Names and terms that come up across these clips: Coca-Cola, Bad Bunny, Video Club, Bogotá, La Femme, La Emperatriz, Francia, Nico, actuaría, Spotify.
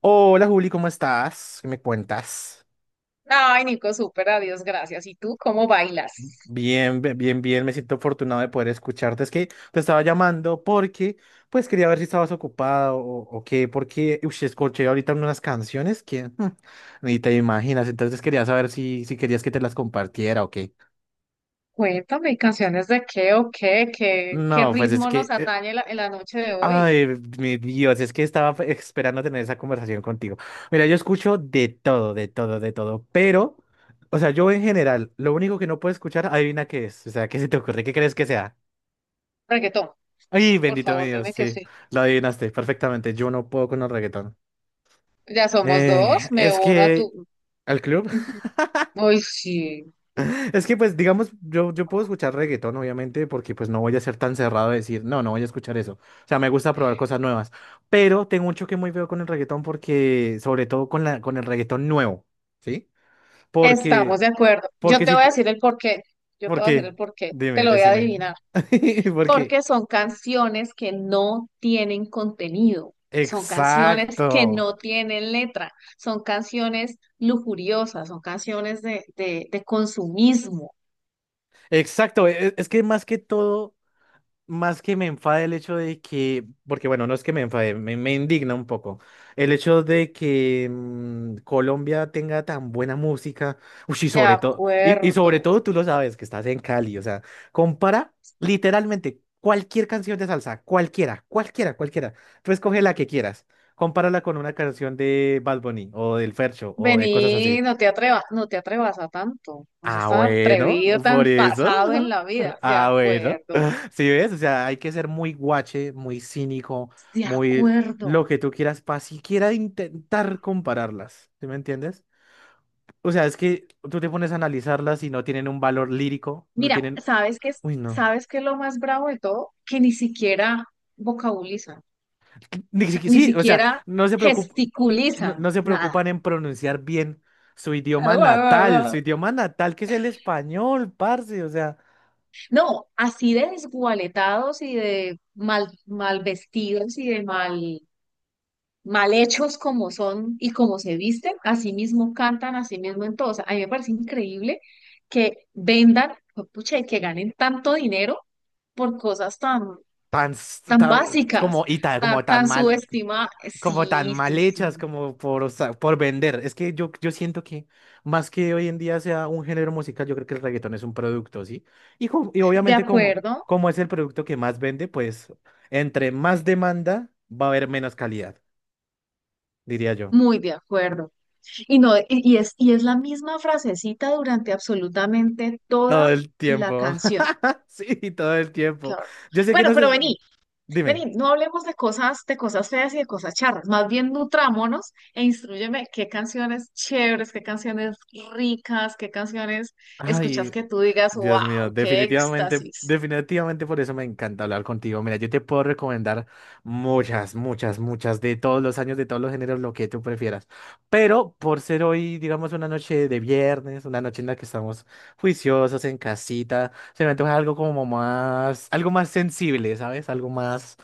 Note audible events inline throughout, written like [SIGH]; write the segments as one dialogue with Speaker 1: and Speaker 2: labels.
Speaker 1: Hola Juli, ¿cómo estás? ¿Qué me cuentas?
Speaker 2: Ay, Nico, súper, adiós, gracias. ¿Y tú cómo bailas?
Speaker 1: Bien, bien, bien, me siento afortunado de poder escucharte. Es que te estaba llamando porque, pues, quería ver si estabas ocupada o qué, porque, uy, escuché ahorita unas canciones que ni te imaginas, entonces quería saber si querías que te las compartiera o qué.
Speaker 2: Cuéntame, ¿canciones de qué o qué? ¿Qué
Speaker 1: No, pues es
Speaker 2: ritmo nos
Speaker 1: que
Speaker 2: atañe en la noche de hoy?
Speaker 1: ay, mi Dios, es que estaba esperando tener esa conversación contigo. Mira, yo escucho de todo, de todo, de todo, pero, o sea, yo en general, lo único que no puedo escuchar, adivina qué es. O sea, ¿qué se te ocurre? ¿Qué crees que sea?
Speaker 2: Reggaetón,
Speaker 1: Ay,
Speaker 2: por
Speaker 1: bendito mi
Speaker 2: favor,
Speaker 1: Dios,
Speaker 2: dime que
Speaker 1: sí,
Speaker 2: sí.
Speaker 1: lo adivinaste perfectamente. Yo no puedo con el reggaetón.
Speaker 2: Ya somos dos, me
Speaker 1: Es
Speaker 2: uno a
Speaker 1: que
Speaker 2: tu...
Speaker 1: al club.
Speaker 2: Ujú. Ay, sí,
Speaker 1: Es que pues digamos, yo puedo escuchar reggaetón obviamente porque pues no voy a ser tan cerrado de decir, no, no voy a escuchar eso. O sea, me gusta probar cosas nuevas, pero tengo un choque muy feo con el reggaetón porque, sobre todo con la, con el reggaetón nuevo, ¿sí?
Speaker 2: estamos
Speaker 1: Porque,
Speaker 2: de acuerdo. Yo
Speaker 1: porque
Speaker 2: te
Speaker 1: si,
Speaker 2: voy a
Speaker 1: tú-
Speaker 2: decir el porqué. Yo te voy a decir
Speaker 1: porque,
Speaker 2: el porqué. Te
Speaker 1: dime,
Speaker 2: lo voy a
Speaker 1: decime,
Speaker 2: adivinar.
Speaker 1: [LAUGHS] porque,
Speaker 2: Porque son canciones que no tienen contenido, son canciones que
Speaker 1: exacto,
Speaker 2: no tienen letra, son canciones lujuriosas, son canciones de consumismo.
Speaker 1: exacto, es que más que todo, más que me enfade el hecho de que, porque bueno, no es que me enfade, me indigna un poco. El hecho de que Colombia tenga tan buena música, ush, y
Speaker 2: De
Speaker 1: sobre todo, y sobre
Speaker 2: acuerdo.
Speaker 1: todo tú lo sabes, que estás en Cali, o sea, compara literalmente cualquier canción de salsa, cualquiera, cualquiera, cualquiera. Tú escoge la que quieras, compárala con una canción de Bad Bunny o del Fercho o de cosas
Speaker 2: Vení,
Speaker 1: así.
Speaker 2: no te atrevas, no te atrevas a tanto, no seas
Speaker 1: Ah,
Speaker 2: tan
Speaker 1: bueno,
Speaker 2: atrevido,
Speaker 1: por
Speaker 2: tan
Speaker 1: eso.
Speaker 2: pasado en
Speaker 1: [LAUGHS]
Speaker 2: la vida. De
Speaker 1: Ah, bueno.
Speaker 2: acuerdo,
Speaker 1: [LAUGHS] Sí, ves, o sea, hay que ser muy guache, muy cínico,
Speaker 2: de
Speaker 1: muy
Speaker 2: acuerdo.
Speaker 1: lo que tú quieras para siquiera intentar compararlas. ¿Sí me entiendes? O sea, es que tú te pones a analizarlas y no tienen un valor lírico, no
Speaker 2: Mira,
Speaker 1: tienen. Uy, no.
Speaker 2: sabes qué es lo más bravo de todo? Que ni siquiera vocabulizan.
Speaker 1: Ni
Speaker 2: Sea,
Speaker 1: siqui-
Speaker 2: ni
Speaker 1: sí, o sea,
Speaker 2: siquiera
Speaker 1: no,
Speaker 2: gesticulizan
Speaker 1: no se
Speaker 2: nada.
Speaker 1: preocupan en pronunciar bien su
Speaker 2: [LAUGHS]
Speaker 1: idioma natal que es el español, parce, o sea,
Speaker 2: No, así de desgualetados y de mal, mal vestidos y de mal, mal hechos como son y como se visten, así mismo cantan, así mismo en todo. O sea, a mí me parece increíble que vendan, pucha, y que ganen tanto dinero por cosas tan,
Speaker 1: tan,
Speaker 2: tan
Speaker 1: tan,
Speaker 2: básicas,
Speaker 1: como,
Speaker 2: tan,
Speaker 1: como tan
Speaker 2: tan
Speaker 1: mal.
Speaker 2: subestimadas.
Speaker 1: Como tan
Speaker 2: Sí,
Speaker 1: mal
Speaker 2: sí,
Speaker 1: hechas
Speaker 2: sí.
Speaker 1: como por, o sea, por vender. Es que yo siento que más que hoy en día sea un género musical, yo creo que el reggaetón es un producto, ¿sí? Y, y
Speaker 2: De
Speaker 1: obviamente como,
Speaker 2: acuerdo,
Speaker 1: como es el producto que más vende, pues entre más demanda va a haber menos calidad, diría yo.
Speaker 2: muy de acuerdo. Y no, y es, y es la misma frasecita durante absolutamente
Speaker 1: Todo
Speaker 2: toda
Speaker 1: el
Speaker 2: la
Speaker 1: tiempo.
Speaker 2: canción.
Speaker 1: [LAUGHS] Sí, todo el tiempo.
Speaker 2: Claro.
Speaker 1: Yo sé que
Speaker 2: Bueno,
Speaker 1: no se...
Speaker 2: pero vení, vení,
Speaker 1: Dime.
Speaker 2: no hablemos de cosas feas y de cosas charras. Más bien nutrámonos e instrúyeme qué canciones chéveres, qué canciones ricas, qué canciones escuchas
Speaker 1: Ay.
Speaker 2: que tú digas,
Speaker 1: Dios mío,
Speaker 2: wow, qué
Speaker 1: definitivamente,
Speaker 2: éxtasis.
Speaker 1: definitivamente por eso me encanta hablar contigo. Mira, yo te puedo recomendar muchas, muchas, muchas de todos los años, de todos los géneros, lo que tú prefieras. Pero por ser hoy, digamos, una noche de viernes, una noche en la que estamos juiciosos en casita, se me antoja algo como más, algo más sensible, ¿sabes? Algo más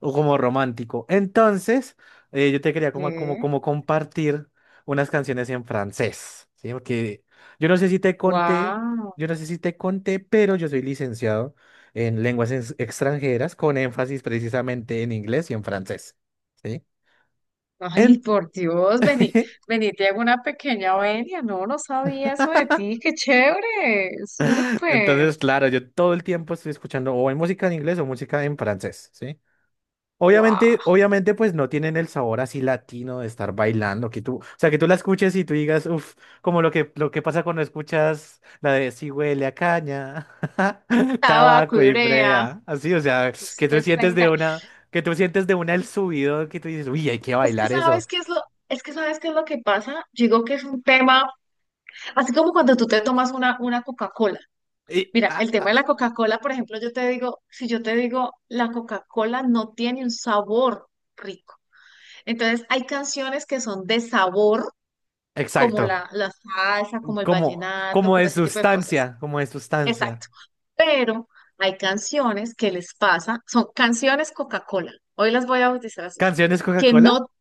Speaker 1: o como romántico. Entonces, yo te quería
Speaker 2: ¿Qué?
Speaker 1: como compartir unas canciones en francés, ¿sí? Porque yo no sé si te conté.
Speaker 2: Wow.
Speaker 1: Yo no sé si te conté, pero yo soy licenciado en lenguas extranjeras con énfasis precisamente en inglés y en francés. ¿Sí?
Speaker 2: Ay,
Speaker 1: En-
Speaker 2: por Dios, vení,
Speaker 1: [LAUGHS]
Speaker 2: vení, te hago una pequeña venia. No, no sabía eso de ti, qué chévere, súper.
Speaker 1: Entonces, claro, yo todo el tiempo estoy escuchando o en música en inglés o música en francés, ¿sí?
Speaker 2: Wow,
Speaker 1: Obviamente, obviamente, pues no tienen el sabor así latino de estar bailando, que tú, o sea, que tú la escuches y tú digas, uff, como lo que pasa cuando escuchas la de si huele a caña, [LAUGHS]
Speaker 2: tabaco
Speaker 1: tabaco
Speaker 2: y
Speaker 1: y frea, así, o sea, que
Speaker 2: usted
Speaker 1: tú
Speaker 2: está
Speaker 1: sientes
Speaker 2: en
Speaker 1: de
Speaker 2: Cali.
Speaker 1: una, que tú sientes de una el subido, que tú dices, uy, hay que
Speaker 2: Es que
Speaker 1: bailar eso.
Speaker 2: sabes qué es lo, es que sabes qué es lo que pasa. Yo digo que es un tema, así como cuando tú te tomas una Coca-Cola.
Speaker 1: Y,
Speaker 2: Mira,
Speaker 1: ah,
Speaker 2: el tema
Speaker 1: ah,
Speaker 2: de la Coca-Cola, por ejemplo, yo te digo, si yo te digo, la Coca-Cola no tiene un sabor rico. Entonces, hay canciones que son de sabor, como
Speaker 1: exacto,
Speaker 2: la salsa, como el
Speaker 1: como,
Speaker 2: vallenato,
Speaker 1: como
Speaker 2: como
Speaker 1: de
Speaker 2: ese tipo de cosas.
Speaker 1: sustancia, como de sustancia.
Speaker 2: Exacto. Pero hay canciones que les pasa, son canciones Coca-Cola. Hoy las voy a bautizar así
Speaker 1: ¿Canciones
Speaker 2: que
Speaker 1: Coca-Cola?
Speaker 2: no,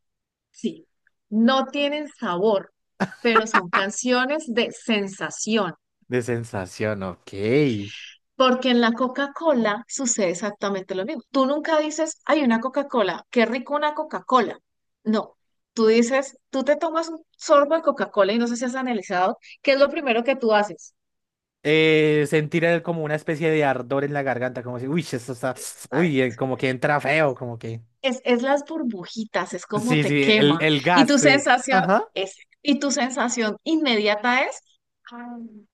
Speaker 2: sí, no tienen sabor, pero son canciones de sensación.
Speaker 1: De sensación, ok.
Speaker 2: Porque en la Coca-Cola sucede exactamente lo mismo. Tú nunca dices, hay una Coca-Cola, qué rico una Coca-Cola. No, tú dices, tú te tomas un sorbo de Coca-Cola y no sé si has analizado, ¿qué es lo primero que tú haces?
Speaker 1: Sentir el- como una especie de ardor en la garganta, como si, uy, esto está,
Speaker 2: Está-
Speaker 1: uy, como que entra feo, como que.
Speaker 2: es las burbujitas, es como
Speaker 1: Sí,
Speaker 2: te
Speaker 1: sí,
Speaker 2: quema.
Speaker 1: el
Speaker 2: Y
Speaker 1: gas,
Speaker 2: tu
Speaker 1: sí.
Speaker 2: sensación
Speaker 1: Ajá.
Speaker 2: es, y tu sensación inmediata es, "Ay, no".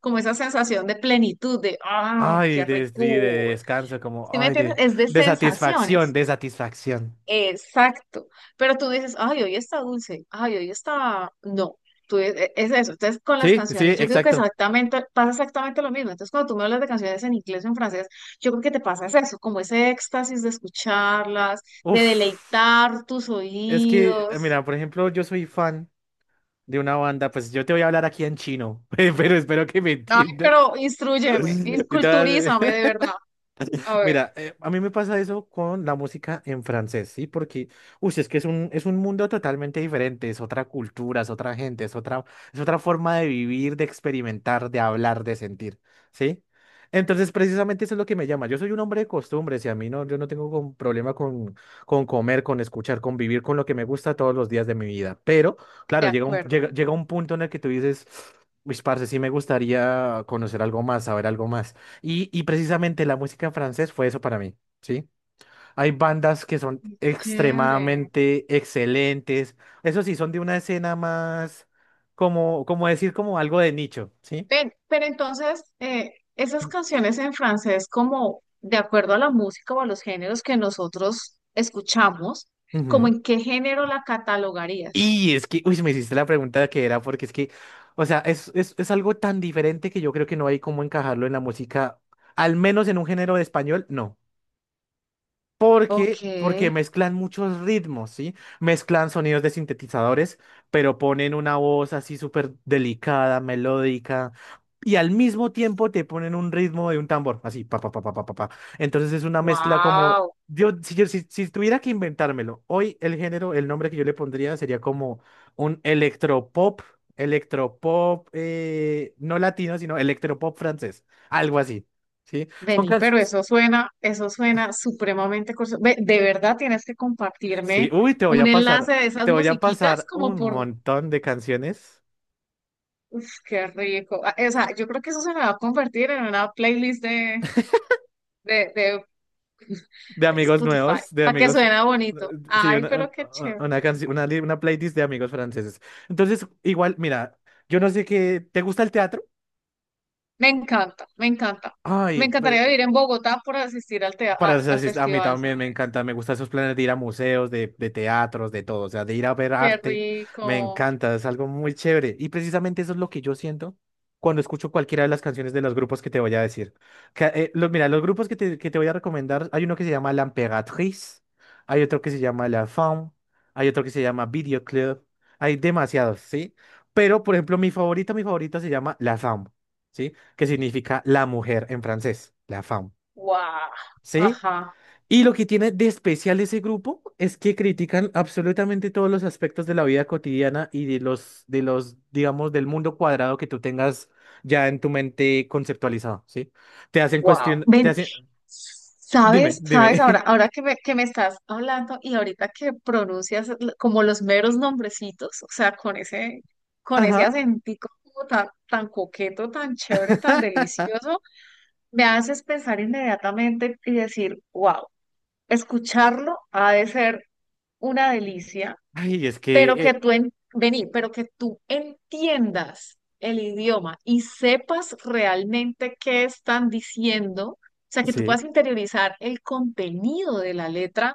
Speaker 2: Como esa sensación de plenitud, de, ah,
Speaker 1: Ay,
Speaker 2: qué
Speaker 1: de, sí, de
Speaker 2: rico.
Speaker 1: descanso, como,
Speaker 2: ¿Sí me
Speaker 1: ay,
Speaker 2: entiendes? Es de
Speaker 1: de satisfacción,
Speaker 2: sensaciones.
Speaker 1: de satisfacción.
Speaker 2: Exacto. Pero tú dices, ay, hoy está dulce, ay, hoy está... No, tú es eso. Entonces, con las
Speaker 1: Sí, sí,
Speaker 2: canciones, yo creo que
Speaker 1: exacto.
Speaker 2: exactamente, pasa exactamente lo mismo. Entonces, cuando tú me hablas de canciones en inglés o en francés, yo creo que te pasa es eso, como ese éxtasis de escucharlas, de
Speaker 1: Uf,
Speaker 2: deleitar tus
Speaker 1: es que,
Speaker 2: oídos.
Speaker 1: mira, por ejemplo, yo soy fan de una banda, pues yo te voy a hablar aquí en chino, [LAUGHS] pero espero que me
Speaker 2: Ay,
Speaker 1: entiendas.
Speaker 2: pero instrúyeme,
Speaker 1: [LAUGHS] Yo te voy
Speaker 2: culturízame de
Speaker 1: a- [LAUGHS]
Speaker 2: verdad. A ver,
Speaker 1: Mira, a mí me pasa eso con la música en francés, ¿sí? Porque, uy, es que es un mundo totalmente diferente, es otra cultura, es otra gente, es otra forma de vivir, de experimentar, de hablar, de sentir, ¿sí? Entonces, precisamente eso es lo que me llama. Yo soy un hombre de costumbres y a mí no, yo no tengo problema con comer, con escuchar, con vivir con lo que me gusta todos los días de mi vida. Pero,
Speaker 2: de
Speaker 1: claro,
Speaker 2: acuerdo.
Speaker 1: llega un punto en el que tú dices, uy, parce, sí me gustaría conocer algo más, saber algo más. Y precisamente la música en francés fue eso para mí, ¿sí? Hay bandas que son
Speaker 2: Chévere.
Speaker 1: extremadamente excelentes. Eso sí, son de una escena más, como, como decir, como algo de nicho, ¿sí?
Speaker 2: Ven, pero entonces, esas canciones en francés, como de acuerdo a la música o a los géneros que nosotros escuchamos, ¿como
Speaker 1: Ujú.
Speaker 2: en qué género la catalogarías?
Speaker 1: Y es que, uy, me hiciste la pregunta que era, porque es que, o sea, es algo tan diferente que yo creo que no hay cómo encajarlo en la música, al menos en un género de español, no.
Speaker 2: Ok,
Speaker 1: Porque, porque mezclan muchos ritmos, ¿sí? Mezclan sonidos de sintetizadores, pero ponen una voz así súper delicada, melódica, y al mismo tiempo te ponen un ritmo de un tambor, así, pa, pa, pa, pa, pa, pa, pa. Entonces es una mezcla como,
Speaker 2: wow.
Speaker 1: yo, si, si tuviera que inventármelo, hoy el género, el nombre que yo le pondría sería como un electropop, electropop, no latino, sino electropop francés, algo así, ¿sí? Son
Speaker 2: Vení, pero
Speaker 1: canciones...
Speaker 2: eso suena supremamente curioso. Ve, de verdad tienes que
Speaker 1: Sí,
Speaker 2: compartirme
Speaker 1: uy,
Speaker 2: un enlace de esas
Speaker 1: te voy a
Speaker 2: musiquitas
Speaker 1: pasar
Speaker 2: como
Speaker 1: un
Speaker 2: por,
Speaker 1: montón de canciones
Speaker 2: uf, qué rico. Ah, o sea, yo creo que eso se me va a convertir en una playlist de, de
Speaker 1: de
Speaker 2: de
Speaker 1: amigos
Speaker 2: Spotify,
Speaker 1: nuevos, de
Speaker 2: para que
Speaker 1: amigos,
Speaker 2: suena bonito.
Speaker 1: sí,
Speaker 2: Ay,
Speaker 1: una,
Speaker 2: pero qué chévere.
Speaker 1: una, una, una playlist de amigos franceses. Entonces, igual, mira, yo no sé qué, ¿te gusta el teatro?
Speaker 2: Me encanta, me encanta.
Speaker 1: Ay,
Speaker 2: Me
Speaker 1: pues,
Speaker 2: encantaría vivir en Bogotá por asistir al,
Speaker 1: para
Speaker 2: al,
Speaker 1: ser
Speaker 2: al
Speaker 1: así, a mí
Speaker 2: festival,
Speaker 1: también me
Speaker 2: ¿sabes?
Speaker 1: encanta, me gustan esos planes de ir a museos, de teatros, de todo, o sea, de ir a ver
Speaker 2: Qué
Speaker 1: arte, me
Speaker 2: rico.
Speaker 1: encanta, es algo muy chévere. Y precisamente eso es lo que yo siento cuando escucho cualquiera de las canciones de los grupos que te voy a decir. Que, los, mira, los grupos que te voy a recomendar, hay uno que se llama La Emperatriz, hay otro que se llama La Femme, hay otro que se llama Video Club, hay demasiados, ¿sí? Pero, por ejemplo, mi favorita se llama La Femme, ¿sí? Que significa la mujer en francés, La Femme.
Speaker 2: Guau.
Speaker 1: ¿Sí?
Speaker 2: Ajá.
Speaker 1: Y lo que tiene de especial ese grupo es que critican absolutamente todos los aspectos de la vida cotidiana y de los, digamos, del mundo cuadrado que tú tengas ya en tu mente conceptualizado, ¿sí? Te hacen
Speaker 2: Wow.
Speaker 1: cuestión, te
Speaker 2: Ven,
Speaker 1: hacen, dime,
Speaker 2: ¿sabes? ¿Sabes?
Speaker 1: dime.
Speaker 2: Ahora,
Speaker 1: [LAUGHS]
Speaker 2: ahora que me estás hablando y ahorita que pronuncias como los meros nombrecitos, o sea, con ese
Speaker 1: Ajá.
Speaker 2: acentico como tan, tan coqueto, tan chévere, tan
Speaker 1: [LAUGHS]
Speaker 2: delicioso, me haces pensar inmediatamente y decir, wow. Escucharlo ha de ser una delicia,
Speaker 1: Ay, es
Speaker 2: pero
Speaker 1: que,
Speaker 2: que tú en, vení, pero que tú entiendas el idioma y sepas realmente qué están diciendo, o sea, que tú
Speaker 1: sí.
Speaker 2: puedas interiorizar el contenido de la letra.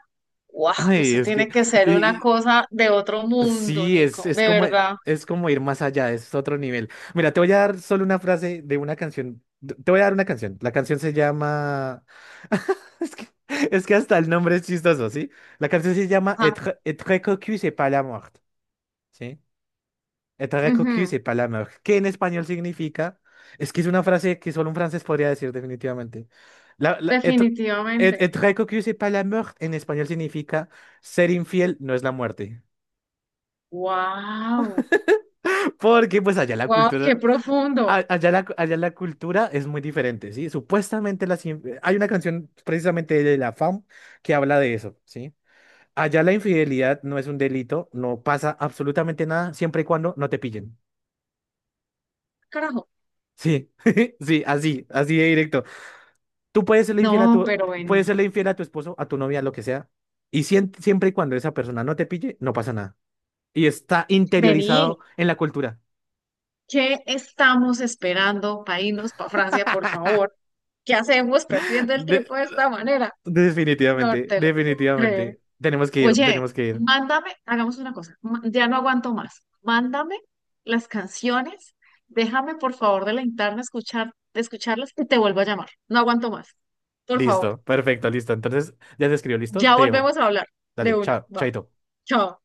Speaker 2: ¡Wow!
Speaker 1: Ay,
Speaker 2: Eso
Speaker 1: es que,
Speaker 2: tiene que ser una
Speaker 1: y,
Speaker 2: cosa de otro mundo,
Speaker 1: sí,
Speaker 2: Nico, de verdad.
Speaker 1: es como ir más allá, es otro nivel. Mira, te voy a dar solo una frase de una canción. Te voy a dar una canción. La canción se llama... [LAUGHS] Es que, es que hasta el nombre es chistoso, ¿sí? La canción se llama
Speaker 2: Ajá,
Speaker 1: Être, être cocu, c'est pas la mort, ¿sí? Être cocu,
Speaker 2: ujú,
Speaker 1: c'est pas la mort. ¿Qué en español significa... Es que es una frase que solo un francés podría decir definitivamente. La, être,
Speaker 2: definitivamente.
Speaker 1: être cocu, c'est pas la mort en español significa ser infiel no es la muerte.
Speaker 2: ¡Wow!
Speaker 1: [LAUGHS] Porque pues allá la
Speaker 2: ¡Wow! ¡Qué
Speaker 1: cultura,
Speaker 2: profundo!
Speaker 1: allá la, allá la cultura es muy diferente, ¿sí? Supuestamente hay una canción precisamente de la FAM que habla de eso, ¿sí? Allá la infidelidad no es un delito, no pasa absolutamente nada siempre y cuando no te pillen.
Speaker 2: Carajo.
Speaker 1: Sí, [LAUGHS] sí, así, así de directo. Tú puedes serle infiel a
Speaker 2: No,
Speaker 1: tu,
Speaker 2: pero vení.
Speaker 1: puedes serle infiel a tu esposo, a tu novia, lo que sea, y siempre y cuando esa persona no te pille, no pasa nada. Y está
Speaker 2: Vení,
Speaker 1: interiorizado en la cultura.
Speaker 2: ¿qué estamos esperando para irnos para Francia, por favor? ¿Qué hacemos
Speaker 1: [LAUGHS]
Speaker 2: perdiendo el
Speaker 1: De-
Speaker 2: tiempo de esta manera? No
Speaker 1: definitivamente,
Speaker 2: te lo puedo creer.
Speaker 1: definitivamente. Tenemos que ir,
Speaker 2: Oye,
Speaker 1: tenemos que ir.
Speaker 2: mándame, hagamos una cosa, ya no aguanto más. Mándame las canciones, déjame por favor deleitarme a escuchar, de escucharlas y te vuelvo a llamar. No aguanto más. Por favor,
Speaker 1: Listo, perfecto, listo. Entonces, ya se escribió, listo.
Speaker 2: ya
Speaker 1: Dejo.
Speaker 2: volvemos a hablar de
Speaker 1: Dale,
Speaker 2: una.
Speaker 1: chao,
Speaker 2: Va,
Speaker 1: chaito.
Speaker 2: chao.